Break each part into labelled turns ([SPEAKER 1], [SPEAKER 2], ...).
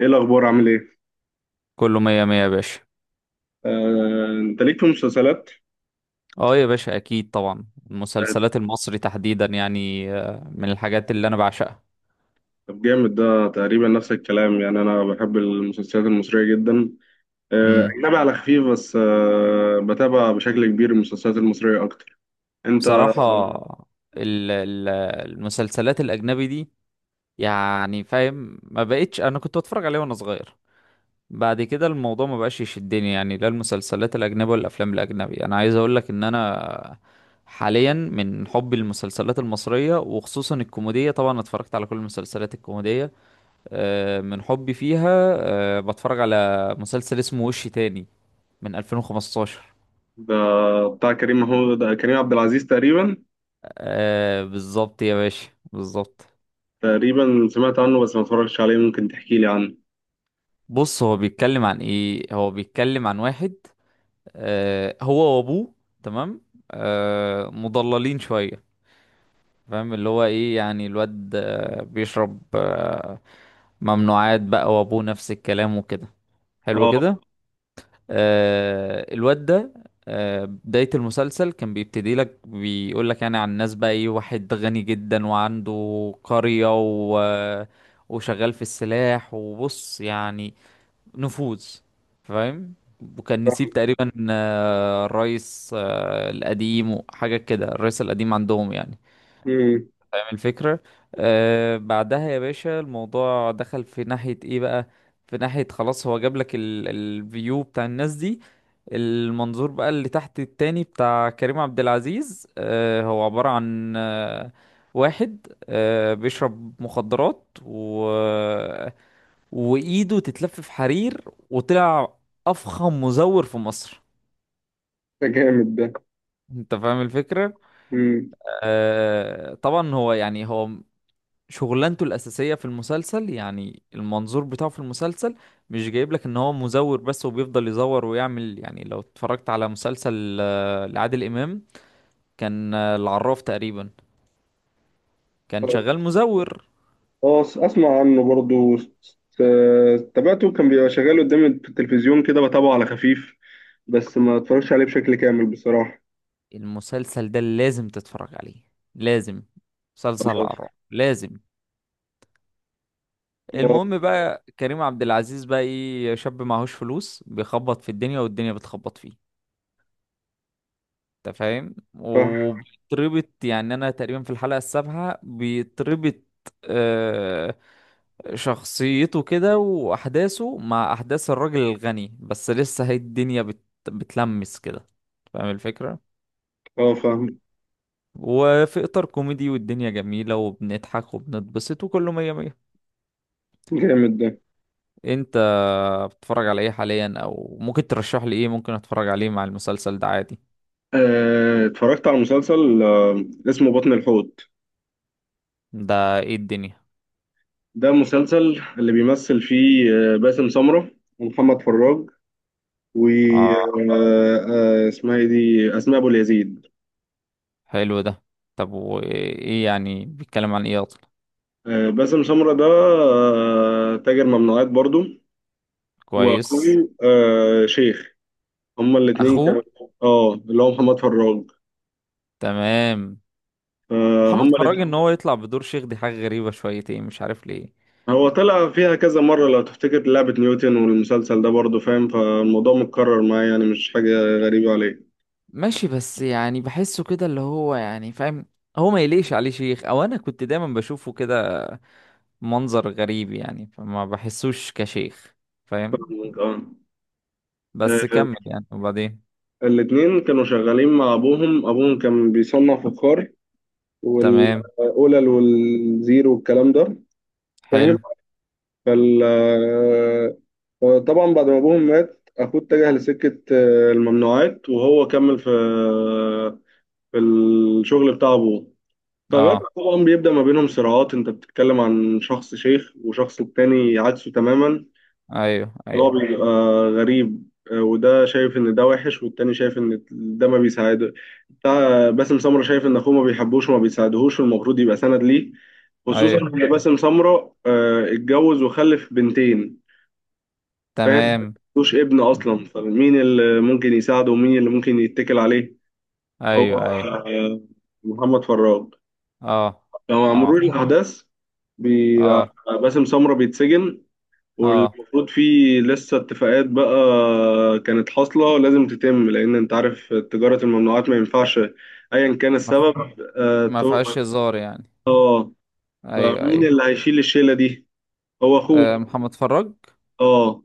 [SPEAKER 1] ايه الاخبار؟ عامل ايه؟
[SPEAKER 2] كله مية مية يا باشا.
[SPEAKER 1] آه، انت ليك في المسلسلات؟
[SPEAKER 2] اه يا باشا، اكيد طبعا.
[SPEAKER 1] آه،
[SPEAKER 2] المسلسلات المصري تحديدا يعني من الحاجات اللي انا بعشقها.
[SPEAKER 1] طب جامد ده. تقريبا نفس الكلام، يعني انا بحب المسلسلات المصريه جدا.
[SPEAKER 2] امم
[SPEAKER 1] اجنبي على خفيف، بس بتابع بشكل كبير المسلسلات المصريه اكتر. انت؟
[SPEAKER 2] بصراحة، ال- ال- المسلسلات الاجنبي دي يعني فاهم، ما بقتش انا كنت بتفرج عليها وانا صغير. بعد كده الموضوع ما بقاش يشدني، يعني لا المسلسلات الاجنبي ولا الافلام الاجنبي. انا عايز اقول لك ان انا حاليا من حبي للمسلسلات المصرية وخصوصا الكوميدية، طبعا اتفرجت على كل المسلسلات الكوميدية. من حبي فيها بتفرج على مسلسل اسمه وش تاني، من 2015.
[SPEAKER 1] ده بتاع كريم محمود. ده كريم عبد العزيز تقريبا.
[SPEAKER 2] بالظبط يا باشا، بالظبط.
[SPEAKER 1] تقريبا سمعت عنه، بس ما اتفرجتش عليه. ممكن تحكي لي عنه؟
[SPEAKER 2] بص، هو بيتكلم عن ايه؟ هو بيتكلم عن واحد هو وابوه. تمام. مضللين شوية، فاهم اللي هو ايه؟ يعني الواد بيشرب ممنوعات بقى، وابوه نفس الكلام وكده. حلو
[SPEAKER 1] اه.
[SPEAKER 2] كده. الواد ده، بداية المسلسل كان بيبتدي لك، بيقول لك يعني عن ناس، بقى ايه، واحد غني جدا وعنده قرية وشغال في السلاح، وبص يعني، نفوذ، فاهم؟ وكان نسيب تقريبا الرئيس القديم وحاجة كده، الرئيس القديم عندهم يعني،
[SPEAKER 1] امم.
[SPEAKER 2] الفكرة. بعدها يا باشا، الموضوع دخل في ناحية ايه بقى؟ في ناحية خلاص، هو جاب لك الفيو بتاع الناس دي، المنظور بقى اللي تحت. التاني بتاع كريم عبد العزيز، هو عبارة عن واحد بيشرب مخدرات، و وايده تتلف في حرير، وطلع افخم مزور في مصر.
[SPEAKER 1] ده جامد ده.
[SPEAKER 2] انت فاهم الفكرة؟
[SPEAKER 1] امم.
[SPEAKER 2] طبعا هو يعني، هو شغلانته الأساسية في المسلسل، يعني المنظور بتاعه في المسلسل، مش جايب لك ان هو مزور بس وبيفضل يزور ويعمل. يعني لو اتفرجت على مسلسل لعادل إمام كان العراف تقريبا، كان شغال مزور.
[SPEAKER 1] اه. اسمع عنه برضو. تابعته، كان بيبقى شغال قدامي في التلفزيون كده، بتابعه على خفيف، بس ما اتفرجش عليه بشكل كامل بصراحة.
[SPEAKER 2] المسلسل ده لازم تتفرج عليه، لازم. مسلسل
[SPEAKER 1] خلاص.
[SPEAKER 2] العراف لازم.
[SPEAKER 1] اه،
[SPEAKER 2] المهم بقى، كريم عبد العزيز بقى ايه، شاب معهوش فلوس، بيخبط في الدنيا والدنيا بتخبط فيه. انت فاهم،
[SPEAKER 1] فاهم.
[SPEAKER 2] وبيتربط. يعني انا تقريبا في الحلقة 7 بيتربط. آه شخصيته كده واحداثه مع احداث الراجل الغني، بس لسه هي الدنيا بتلمس كده، فاهم الفكرة؟
[SPEAKER 1] اه، فاهم.
[SPEAKER 2] وفي اطار كوميدي، والدنيا جميلة، وبنضحك وبنتبسط وكله مية مية.
[SPEAKER 1] جامد ده.
[SPEAKER 2] انت بتتفرج على ايه حاليا؟ او ممكن ترشح لي ايه ممكن اتفرج عليه مع المسلسل ده عادي؟
[SPEAKER 1] اتفرجت على مسلسل اسمه بطن الحوت.
[SPEAKER 2] ده ايه الدنيا؟
[SPEAKER 1] ده مسلسل اللي بيمثل فيه باسم سمرة، ومحمد فراج، و
[SPEAKER 2] اه،
[SPEAKER 1] آه، اسمها ايه دي، اسماء ابو اليزيد.
[SPEAKER 2] حلو ده. طب وايه يعني؟ بيتكلم عن ايه اصلا؟
[SPEAKER 1] باسم سمرة ده تاجر ممنوعات برضو. واخوه
[SPEAKER 2] كويس.
[SPEAKER 1] شيخ. هما الاتنين
[SPEAKER 2] اخوه.
[SPEAKER 1] كانوا. اه، اللي هو محمد فراج.
[SPEAKER 2] تمام. محمد
[SPEAKER 1] فهم
[SPEAKER 2] فراج ان
[SPEAKER 1] الاتنين.
[SPEAKER 2] هو يطلع بدور شيخ، دي حاجة غريبة شويتين، مش عارف ليه.
[SPEAKER 1] هو طلع فيها كذا مرة، لو تفتكر لعبة نيوتن والمسلسل ده برضه، فاهم؟ فالموضوع متكرر معايا، يعني مش حاجة غريبة عليك.
[SPEAKER 2] ماشي، بس يعني بحسه كده اللي هو يعني فاهم، هو ما يليش عليه شيخ. او انا كنت دايما بشوفه كده، منظر غريب يعني، فما بحسوش كشيخ، فاهم؟
[SPEAKER 1] اه.
[SPEAKER 2] بس
[SPEAKER 1] آه،
[SPEAKER 2] كمل يعني، وبعدين.
[SPEAKER 1] الاتنين كانوا شغالين مع أبوهم. أبوهم كان بيصنع فخار،
[SPEAKER 2] تمام.
[SPEAKER 1] والأولى والزيرو والكلام ده. فاهم؟
[SPEAKER 2] حلو.
[SPEAKER 1] فال آه، آه، طبعا بعد ما أبوهم مات، أخوه اتجه لسكة الممنوعات، وهو كمل في الشغل بتاع ابوه.
[SPEAKER 2] اه،
[SPEAKER 1] فبرق طبعا بيبدأ ما بينهم صراعات. انت بتتكلم عن شخص شيخ وشخص التاني عكسه تماما.
[SPEAKER 2] ايوه
[SPEAKER 1] هو
[SPEAKER 2] ايوه.
[SPEAKER 1] بيبقى غريب، وده شايف ان ده وحش، والتاني شايف ان ده ما بيساعده. بتاع باسم سمرة شايف ان اخوه ما بيحبوش وما بيساعدهوش، والمفروض يبقى سند ليه. خصوصا
[SPEAKER 2] ايوه.
[SPEAKER 1] ان باسم سمرة اتجوز وخلف بنتين. فاهم؟
[SPEAKER 2] تمام.
[SPEAKER 1] ملوش ابن اصلا، فمين اللي ممكن يساعده ومين اللي ممكن يتكل عليه؟ هو
[SPEAKER 2] ايوه ايوه.
[SPEAKER 1] آه، محمد فراج.
[SPEAKER 2] اه
[SPEAKER 1] لو على
[SPEAKER 2] اه.
[SPEAKER 1] مرور الأحداث، بي...
[SPEAKER 2] اه
[SPEAKER 1] باسم سمرة بيتسجن،
[SPEAKER 2] اه.
[SPEAKER 1] والمفروض في لسه اتفاقات بقى كانت حاصلة لازم تتم، لأن أنت عارف تجارة الممنوعات ما ينفعش أيا كان
[SPEAKER 2] ما ف-
[SPEAKER 1] السبب. آه
[SPEAKER 2] ما
[SPEAKER 1] تو-
[SPEAKER 2] فيهاش هزار يعني.
[SPEAKER 1] آه
[SPEAKER 2] ايوه
[SPEAKER 1] فمين
[SPEAKER 2] ايوه.
[SPEAKER 1] اللي هيشيل الشيلة دي؟ هو أخوه.
[SPEAKER 2] محمد فراج.
[SPEAKER 1] آه.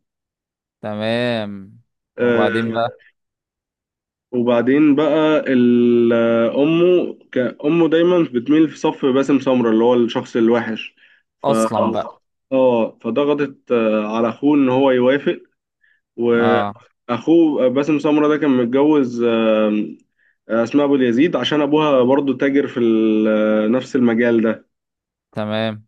[SPEAKER 2] تمام. وبعدين
[SPEAKER 1] آه،
[SPEAKER 2] بقى.
[SPEAKER 1] وبعدين بقى امه دايما بتميل في صف باسم سمرة، اللي هو الشخص الوحش. ف
[SPEAKER 2] اصلا بقى.
[SPEAKER 1] اه، فضغطت على اخوه ان هو يوافق.
[SPEAKER 2] اه.
[SPEAKER 1] واخوه باسم سمرة ده كان متجوز اسماء ابو اليزيد، عشان ابوها برضو تاجر في نفس المجال ده.
[SPEAKER 2] تمام.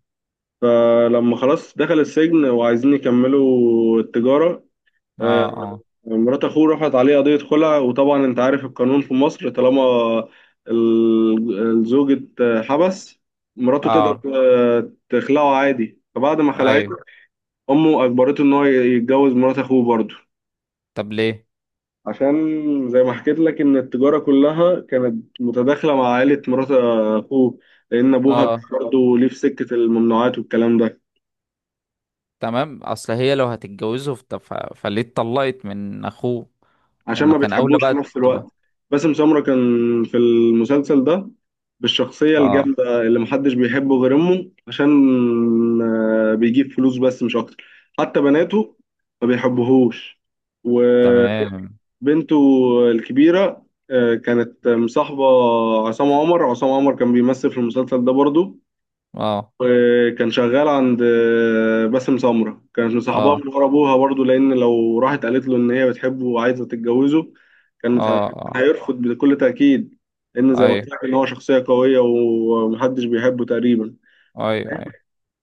[SPEAKER 1] فلما خلاص دخل السجن وعايزين يكملوا التجارة،
[SPEAKER 2] اه
[SPEAKER 1] آه،
[SPEAKER 2] اه
[SPEAKER 1] مرات اخوه رفعت عليه قضية خلع. وطبعا انت عارف القانون في مصر، طالما الزوج اتحبس، مراته تقدر
[SPEAKER 2] اه.
[SPEAKER 1] تخلعه عادي. فبعد ما خلعته،
[SPEAKER 2] ايوه.
[SPEAKER 1] امه اجبرته ان هو يتجوز مرات اخوه برضه.
[SPEAKER 2] طب ليه؟
[SPEAKER 1] عشان زي ما حكيت لك ان التجارة كلها كانت متداخلة مع عائلة مرات اخوه، لان ابوها كان
[SPEAKER 2] اه.
[SPEAKER 1] برضه ليه في سكة الممنوعات والكلام ده.
[SPEAKER 2] تمام. اصل هي لو هتتجوزه فليه اتطلقت من اخوه؟ طب
[SPEAKER 1] عشان
[SPEAKER 2] ما
[SPEAKER 1] ما
[SPEAKER 2] كان اولى
[SPEAKER 1] بتحبوش في
[SPEAKER 2] بقى
[SPEAKER 1] نفس الوقت.
[SPEAKER 2] تبقى.
[SPEAKER 1] باسم سمرة كان في المسلسل ده بالشخصية
[SPEAKER 2] اه.
[SPEAKER 1] الجامدة اللي محدش بيحبه غير أمه، عشان بيجيب فلوس بس مش أكتر. حتى بناته ما بيحبوهوش. وبنته
[SPEAKER 2] تمام.
[SPEAKER 1] الكبيرة كانت مصاحبة عصام عمر. عصام عمر كان بيمثل في المسلسل ده برضو،
[SPEAKER 2] اه
[SPEAKER 1] وكان شغال عند باسم سمرة. كانت مصاحباه
[SPEAKER 2] اه.
[SPEAKER 1] من ورا ابوها برضه، لان لو راحت قالت له ان هي بتحبه وعايزه تتجوزه،
[SPEAKER 2] اه
[SPEAKER 1] كان
[SPEAKER 2] اه.
[SPEAKER 1] هيرفض بكل تاكيد. لان زي ما قلت
[SPEAKER 2] ايوه
[SPEAKER 1] لك ان هو شخصيه قويه ومحدش بيحبه تقريبا.
[SPEAKER 2] ايوه ايوه.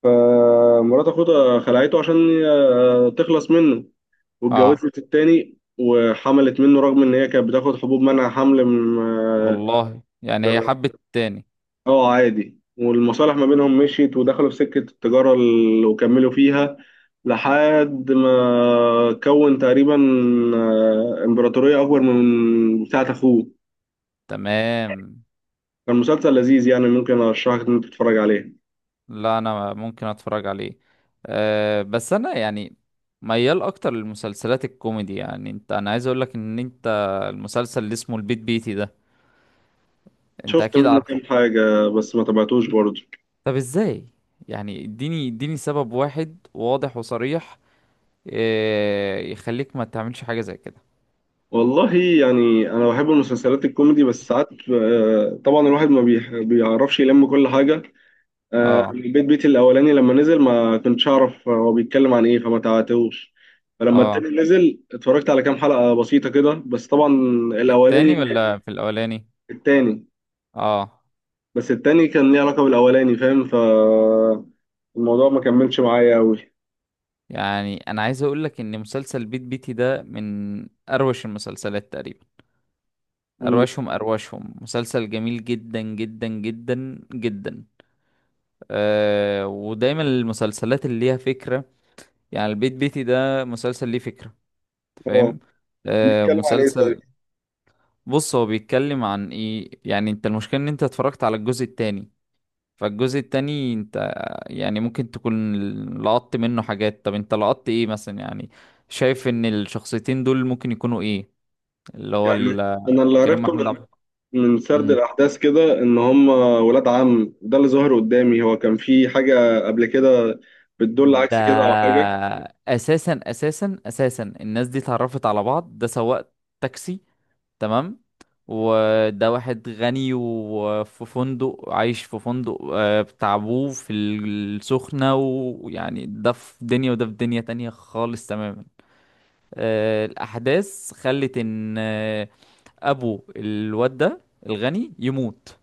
[SPEAKER 1] فمرات اخوته خلعته عشان تخلص منه،
[SPEAKER 2] اه.
[SPEAKER 1] واتجوزت التاني وحملت منه، رغم ان هي كانت بتاخد حبوب منع حمل.
[SPEAKER 2] والله يعني، هي حبت التاني.
[SPEAKER 1] اه، عادي. والمصالح ما بينهم مشيت ودخلوا في سكة التجارة وكملوا فيها، لحد ما كون تقريبا إمبراطورية أكبر من بتاعة أخوه.
[SPEAKER 2] تمام.
[SPEAKER 1] كان مسلسل لذيذ، يعني ممكن أرشحك إن أنت تتفرج عليه.
[SPEAKER 2] لا، انا ممكن اتفرج عليه. أه بس انا يعني ميال اكتر للمسلسلات الكوميدي، يعني انت. انا عايز اقول لك ان انت المسلسل اللي اسمه البيت بيتي ده، انت
[SPEAKER 1] شفت
[SPEAKER 2] اكيد
[SPEAKER 1] منه
[SPEAKER 2] عارفه.
[SPEAKER 1] كام حاجة، بس ما تابعتوش برضه.
[SPEAKER 2] طب ازاي؟ يعني اديني اديني سبب واحد واضح وصريح، أه، يخليك ما تعملش حاجة زي كده.
[SPEAKER 1] والله يعني أنا بحب المسلسلات الكوميدي، بس ساعات آه، طبعا الواحد ما بيعرفش يلم كل حاجة.
[SPEAKER 2] اه
[SPEAKER 1] البيت بيتي الاولاني لما نزل ما كنتش اعرف هو بيتكلم عن ايه، فما تعاتوش. فلما
[SPEAKER 2] اه.
[SPEAKER 1] التاني نزل اتفرجت على كام حلقة بسيطة كده، بس طبعا.
[SPEAKER 2] في التاني
[SPEAKER 1] الاولاني.
[SPEAKER 2] ولا في الاولاني؟
[SPEAKER 1] التاني.
[SPEAKER 2] اه.
[SPEAKER 1] بس التاني كان ليه علاقة بالاولاني، فاهم؟ فالموضوع ما كملش معايا قوي.
[SPEAKER 2] يعني انا عايز اقول لك ان مسلسل البيت بيتي ده من اروش المسلسلات تقريبا. أرواشهم أرواشهم، مسلسل جميل جدا جدا جدا جدا. أه، ودايما المسلسلات اللي ليها فكرة، يعني البيت بيتي ده مسلسل ليه فكرة، أنت
[SPEAKER 1] اه.
[SPEAKER 2] فاهم؟ أه
[SPEAKER 1] بيتكلم عن ايه طيب؟
[SPEAKER 2] مسلسل. بص، هو بيتكلم عن ايه؟ يعني انت المشكلة ان انت اتفرجت على الجزء التاني، فالجزء التاني انت يعني ممكن تكون لقطت منه حاجات. طب انت لقطت ايه مثلا يعني؟ شايف ان الشخصيتين دول ممكن يكونوا ايه، اللي هو
[SPEAKER 1] يعني انا اللي
[SPEAKER 2] كريم
[SPEAKER 1] عرفته
[SPEAKER 2] محمود
[SPEAKER 1] من
[SPEAKER 2] عبد
[SPEAKER 1] من سرد الاحداث كده، ان هم ولاد عم. ده اللي ظهر قدامي، هو كان في حاجة قبل كده بتدل
[SPEAKER 2] ده.
[SPEAKER 1] عكس كده، او حاجة؟
[SPEAKER 2] اساسا اساسا اساسا، الناس دي اتعرفت على بعض، ده سواق تاكسي. تمام. وده واحد غني وفي فندق، عايش في فندق بتاع ابوه في السخنة، ويعني ده في دنيا وده في دنيا تانية خالص تماما. الأحداث خلت إن أبو الواد ده الغني يموت،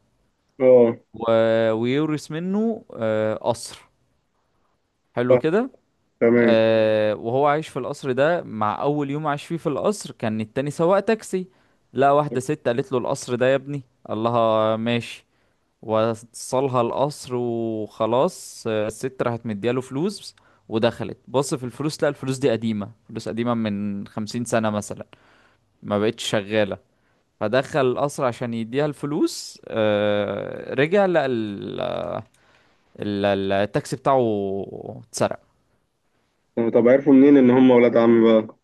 [SPEAKER 1] اه،
[SPEAKER 2] ويورث منه قصر. حلو
[SPEAKER 1] صح،
[SPEAKER 2] كده.
[SPEAKER 1] تمام.
[SPEAKER 2] وهو عايش في القصر ده، مع اول يوم عاش فيه في القصر كان التاني سواق تاكسي. لقى واحده ست قالت له القصر ده يا ابني، قال لها ماشي، وصلها القصر وخلاص. الست راحت مدياله فلوس، ودخلت بص في الفلوس، لقى الفلوس دي قديمه، فلوس قديمه من 50 سنه مثلا، ما بقتش شغاله. فدخل القصر عشان يديها الفلوس، رجع لقى ال- التاكسي بتاعه اتسرق.
[SPEAKER 1] طب عرفوا منين ان هم ولاد عم بقى؟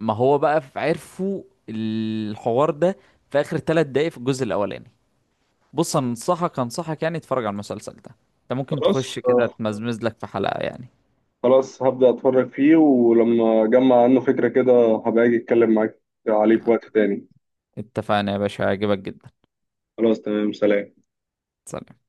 [SPEAKER 2] ما هو بقى عرفوا الحوار ده في اخر 3 دقايق في الجزء الاولاني. بص انصحك انصحك، يعني اتفرج على المسلسل ده، انت ممكن
[SPEAKER 1] خلاص.
[SPEAKER 2] تخش كده
[SPEAKER 1] آه.
[SPEAKER 2] تمزمز لك في حلقة يعني.
[SPEAKER 1] خلاص، هبدأ اتفرج فيه، ولما اجمع عنه فكرة كده هبقى اجي اتكلم معاك عليه في وقت تاني.
[SPEAKER 2] اتفقنا يا باشا، هيعجبك جدا.
[SPEAKER 1] خلاص، تمام، سلام.
[SPEAKER 2] سلام.